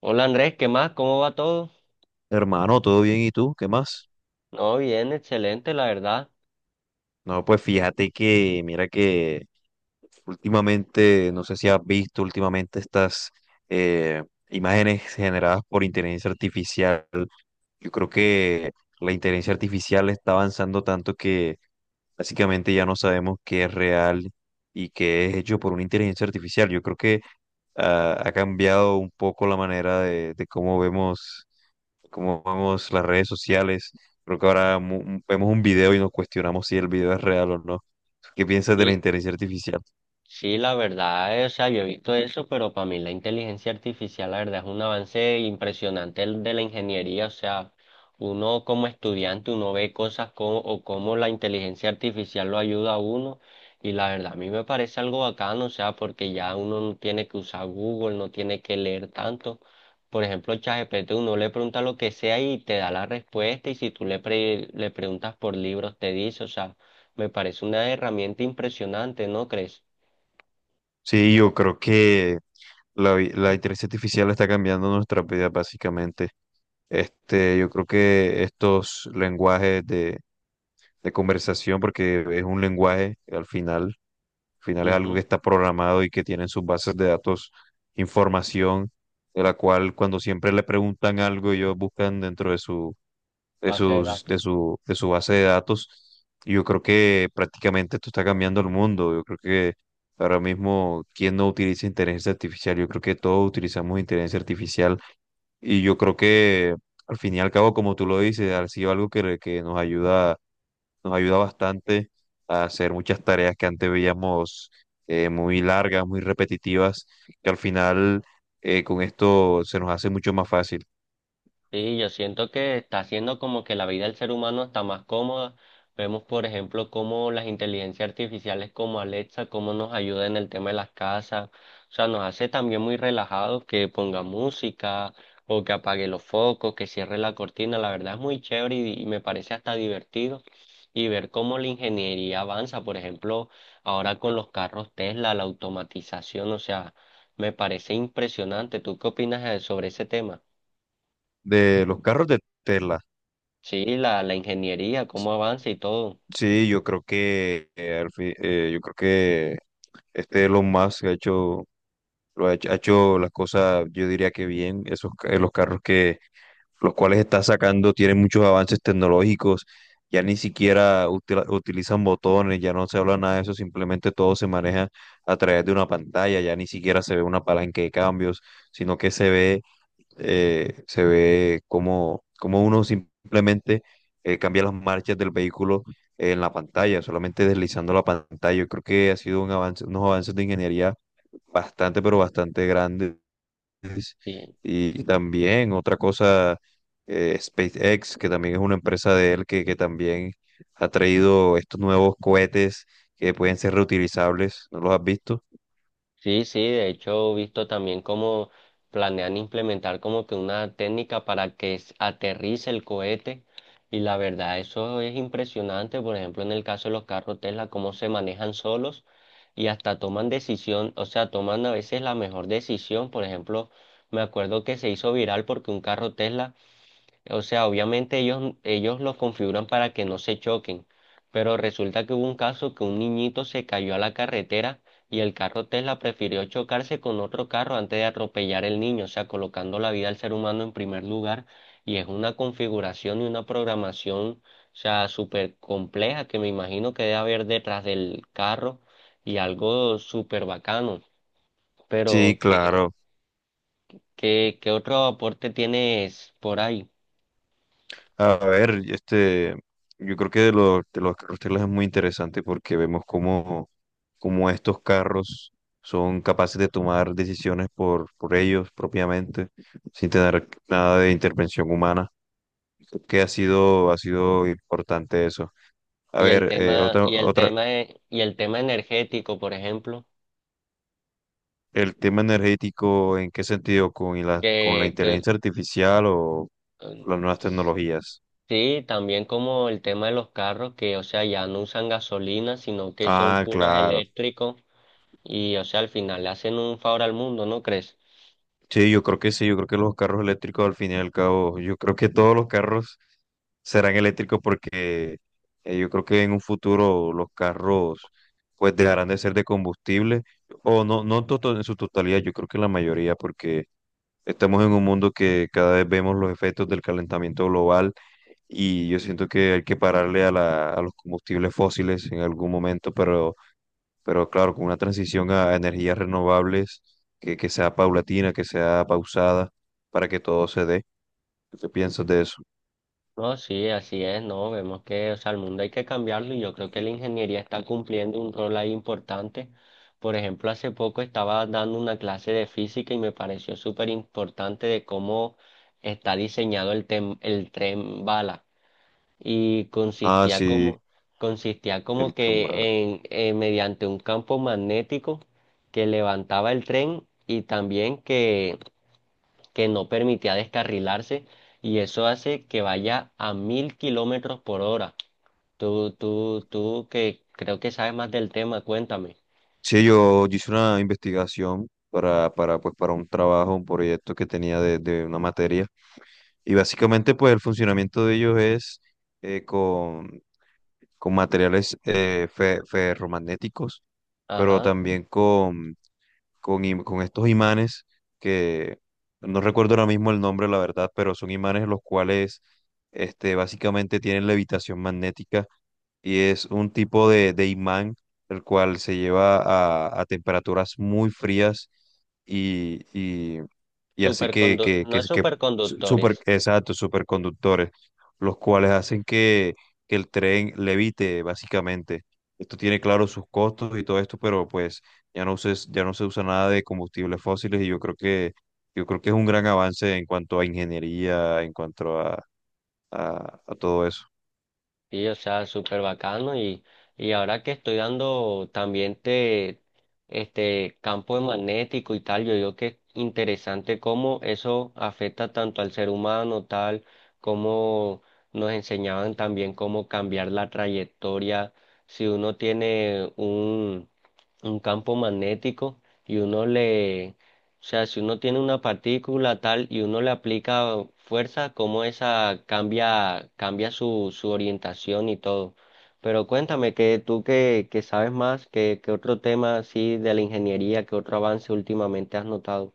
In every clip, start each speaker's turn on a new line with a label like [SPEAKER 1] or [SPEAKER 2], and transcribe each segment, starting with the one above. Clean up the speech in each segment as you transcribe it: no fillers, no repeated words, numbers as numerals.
[SPEAKER 1] Hola Andrés, ¿qué más? ¿Cómo va todo?
[SPEAKER 2] Hermano, ¿todo bien? ¿Y tú? ¿Qué más?
[SPEAKER 1] No, bien, excelente, la verdad.
[SPEAKER 2] No, pues fíjate que, mira que últimamente, no sé si has visto últimamente estas eh, imágenes generadas por inteligencia artificial. Yo creo que la inteligencia artificial está avanzando tanto que básicamente ya no sabemos qué es real y qué es hecho por una inteligencia artificial. Yo creo que ha cambiado un poco la manera de cómo vemos. Cómo vamos las redes sociales. Creo que ahora vemos un video y nos cuestionamos si el video es real o no. ¿Qué piensas de la
[SPEAKER 1] Y
[SPEAKER 2] inteligencia artificial?
[SPEAKER 1] sí, la verdad, o sea, yo he visto eso, pero para mí la inteligencia artificial, la verdad, es un avance impresionante el de la ingeniería. O sea, uno como estudiante, uno ve o cómo la inteligencia artificial lo ayuda a uno. Y la verdad, a mí me parece algo bacano, o sea, porque ya uno no tiene que usar Google, no tiene que leer tanto. Por ejemplo, ChatGPT, uno le pregunta lo que sea y te da la respuesta. Y si tú le preguntas por libros, te dice, o sea, me parece una herramienta impresionante, ¿no crees?
[SPEAKER 2] Sí, yo creo que la inteligencia artificial está cambiando nuestra vida básicamente. Este, yo creo que estos lenguajes de conversación, porque es un lenguaje que al final es algo que
[SPEAKER 1] Ujú,
[SPEAKER 2] está programado y que tiene en sus bases de datos información de la cual cuando siempre le preguntan algo, ellos buscan dentro de su de
[SPEAKER 1] base de
[SPEAKER 2] sus,
[SPEAKER 1] datos.
[SPEAKER 2] de su, de su base de datos. Y yo creo que prácticamente esto está cambiando el mundo. Yo creo que ahora mismo, ¿quién no utiliza inteligencia artificial? Yo creo que todos utilizamos inteligencia artificial. Y yo creo que al fin y al cabo, como tú lo dices, ha sido algo que nos ayuda bastante a hacer muchas tareas que antes veíamos muy largas, muy repetitivas, que al final con esto se nos hace mucho más fácil.
[SPEAKER 1] Sí, yo siento que está haciendo como que la vida del ser humano está más cómoda. Vemos, por ejemplo, cómo las inteligencias artificiales como Alexa, cómo nos ayuda en el tema de las casas. O sea, nos hace también muy relajados que ponga música o que apague los focos, que cierre la cortina. La verdad es muy chévere y me parece hasta divertido. Y ver cómo la ingeniería avanza, por ejemplo, ahora con los carros Tesla, la automatización, o sea, me parece impresionante. ¿Tú qué opinas sobre ese tema?
[SPEAKER 2] De los carros de Tesla.
[SPEAKER 1] Sí, la ingeniería, cómo avanza y todo.
[SPEAKER 2] Sí, yo creo que yo creo que este Elon Musk ha hecho, lo ha hecho las cosas, yo diría que bien. Esos los carros que los cuales está sacando tienen muchos avances tecnológicos. Ya ni siquiera utilizan botones, ya no se habla nada de eso, simplemente todo se maneja a través de una pantalla, ya ni siquiera se ve una palanca de cambios, sino que se ve como cómo uno simplemente cambia las marchas del vehículo en la pantalla, solamente deslizando la pantalla. Yo creo que ha sido un avance, unos avances de ingeniería bastante, pero bastante grandes.
[SPEAKER 1] Sí,
[SPEAKER 2] Y también otra cosa, SpaceX, que también es una empresa de él, que también ha traído estos nuevos cohetes que pueden ser reutilizables. ¿No los has visto?
[SPEAKER 1] sí, sí, de hecho he visto también cómo planean implementar como que una técnica para que aterrice el cohete y la verdad eso es impresionante, por ejemplo en el caso de los carros Tesla, cómo se manejan solos y hasta toman decisión, o sea, toman a veces la mejor decisión, por ejemplo, me acuerdo que se hizo viral porque un carro Tesla. O sea, obviamente ellos los configuran para que no se choquen, pero resulta que hubo un caso que un niñito se cayó a la carretera y el carro Tesla prefirió chocarse con otro carro antes de atropellar el niño, o sea, colocando la vida del ser humano en primer lugar. Y es una configuración y una programación, o sea, súper compleja que me imagino que debe haber detrás del carro y algo súper bacano.
[SPEAKER 2] Sí,
[SPEAKER 1] Pero,
[SPEAKER 2] claro.
[SPEAKER 1] ¿qué otro aporte tienes por ahí?
[SPEAKER 2] A ver, este, yo creo que de los carros Tesla es muy interesante porque vemos cómo, cómo estos carros son capaces de tomar decisiones por ellos propiamente, sin tener nada de intervención humana. Creo que ha sido importante eso. A ver,
[SPEAKER 1] Y el tema energético, por ejemplo,
[SPEAKER 2] el tema energético, ¿en qué sentido? ¿Con con la
[SPEAKER 1] que
[SPEAKER 2] inteligencia artificial o
[SPEAKER 1] eh,
[SPEAKER 2] las nuevas tecnologías?
[SPEAKER 1] sí, también como el tema de los carros, que o sea, ya no usan gasolina, sino que son
[SPEAKER 2] Ah,
[SPEAKER 1] puros
[SPEAKER 2] claro.
[SPEAKER 1] eléctricos, y o sea, al final le hacen un favor al mundo, ¿no crees?
[SPEAKER 2] Sí, yo creo que sí, yo creo que los carros eléctricos al fin y al cabo, yo creo que todos los carros serán eléctricos porque yo creo que en un futuro los carros pues dejarán de ser de combustible o no, en su totalidad, yo creo que la mayoría porque estamos en un mundo que cada vez vemos los efectos del calentamiento global y yo siento que hay que pararle a a los combustibles fósiles en algún momento, pero claro, con una transición a energías renovables que sea paulatina, que sea pausada, para que todo se dé. ¿Qué te piensas de eso?
[SPEAKER 1] No, sí, así es, no, vemos que, o sea, el mundo hay que cambiarlo y yo creo que la ingeniería está cumpliendo un rol ahí importante. Por ejemplo, hace poco estaba dando una clase de física y me pareció súper importante de cómo está diseñado el tren bala y
[SPEAKER 2] Ah,
[SPEAKER 1] consistía
[SPEAKER 2] sí,
[SPEAKER 1] como
[SPEAKER 2] el
[SPEAKER 1] que
[SPEAKER 2] trambar.
[SPEAKER 1] en, mediante un campo magnético que levantaba el tren y también que no permitía descarrilarse y eso hace que vaya a 1000 km/h. Tú que creo que sabes más del tema, cuéntame.
[SPEAKER 2] Sí, yo hice una investigación pues, para un trabajo, un proyecto que tenía de una materia. Y básicamente, pues, el funcionamiento de ellos es eh, con, con materiales ferromagnéticos, pero
[SPEAKER 1] Ajá.
[SPEAKER 2] también con con estos imanes que no recuerdo ahora mismo el nombre, la verdad, pero son imanes los cuales este, básicamente tienen levitación magnética y es un tipo de imán el cual se lleva a temperaturas muy frías y, y, y hace que,
[SPEAKER 1] Supercondu,
[SPEAKER 2] que,
[SPEAKER 1] no
[SPEAKER 2] que,
[SPEAKER 1] es
[SPEAKER 2] que su- super,
[SPEAKER 1] superconductores.
[SPEAKER 2] exacto, superconductores, los cuales hacen que el tren levite básicamente. Esto tiene claro sus costos y todo esto, pero pues ya no se usa nada de combustibles fósiles y yo creo que es un gran avance en cuanto a ingeniería, en cuanto a todo eso.
[SPEAKER 1] Y o sea, súper bacano y ahora que estoy dando también te, este campo magnético y tal, yo digo que es interesante cómo eso afecta tanto al ser humano, tal, como nos enseñaban también cómo cambiar la trayectoria. Si uno tiene un campo magnético y uno le, o sea, si uno tiene una partícula tal y uno le aplica fuerza, como esa cambia, cambia su orientación y todo. Pero cuéntame que tú que sabes más, que otro tema así de la ingeniería, que otro avance últimamente has notado.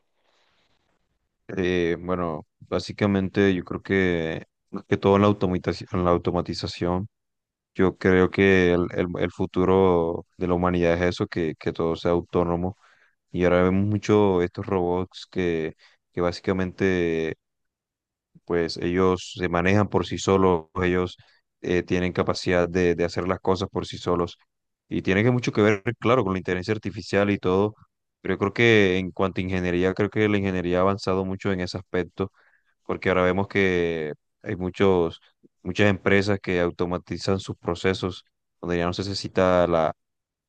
[SPEAKER 2] Bueno, básicamente yo creo que más que todo en la automatización, yo creo que el futuro de la humanidad es eso, que todo sea autónomo. Y ahora vemos mucho estos robots que básicamente pues ellos se manejan por sí solos, ellos tienen capacidad de hacer las cosas por sí solos. Y tiene que mucho que ver, claro, con la inteligencia artificial y todo. Pero yo creo que en cuanto a ingeniería, creo que la ingeniería ha avanzado mucho en ese aspecto, porque ahora vemos que hay muchas empresas que automatizan sus procesos, donde ya no se necesita la,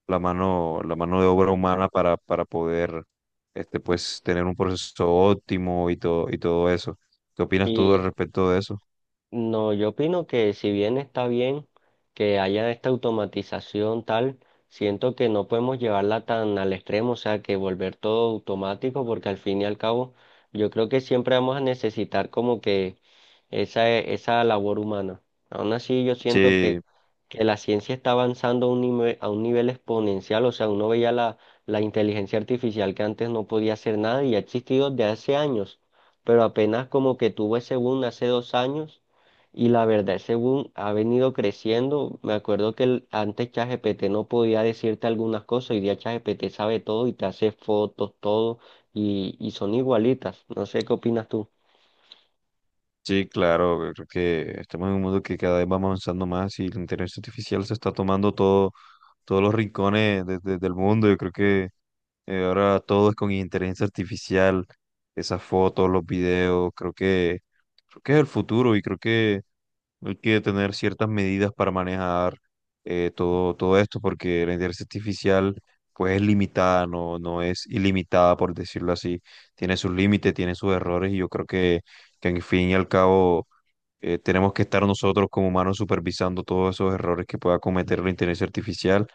[SPEAKER 2] la mano, la mano de obra humana para poder este, pues, tener un proceso óptimo y todo eso. ¿Qué opinas tú al respecto de eso?
[SPEAKER 1] No, yo opino que si bien está bien que haya esta automatización tal, siento que no podemos llevarla tan al extremo, o sea, que volver todo automático, porque al fin y al cabo, yo creo que siempre vamos a necesitar como que esa labor humana. Aún así, yo siento
[SPEAKER 2] Sí,
[SPEAKER 1] que la ciencia está avanzando a un nivel exponencial, o sea, uno veía la inteligencia artificial que antes no podía hacer nada y ha existido desde hace años, pero apenas como que tuvo ese boom hace 2 años y la verdad, según ha venido creciendo, me acuerdo que antes ChatGPT no podía decirte algunas cosas, hoy día ChatGPT sabe todo y te hace fotos, todo, y son igualitas. No sé qué opinas tú.
[SPEAKER 2] sí, claro, yo creo que estamos en un mundo que cada vez vamos avanzando más y la inteligencia artificial se está tomando todo, todos los rincones de- del mundo. Yo creo que ahora todo es con inteligencia artificial, esas fotos, los videos, creo que es el futuro y creo que hay que tener ciertas medidas para manejar todo esto, porque la inteligencia artificial pues es limitada, no, no es ilimitada, por decirlo así. Tiene sus límites, tiene sus errores, y yo creo que en fin y al cabo tenemos que estar nosotros como humanos supervisando todos esos errores que pueda cometer la inteligencia artificial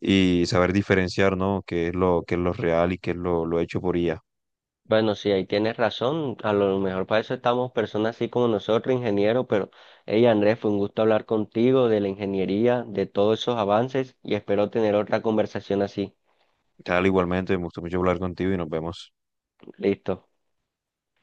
[SPEAKER 2] y saber diferenciar, ¿no? Qué es lo, qué es lo real y qué es lo hecho por IA.
[SPEAKER 1] Bueno, sí, ahí tienes razón. A lo mejor para eso estamos personas así como nosotros, ingenieros, pero hey Andrés, fue un gusto hablar contigo de la ingeniería, de todos esos avances, y espero tener otra conversación así.
[SPEAKER 2] Tal, igualmente, me gustó mucho hablar contigo y nos vemos.
[SPEAKER 1] Listo.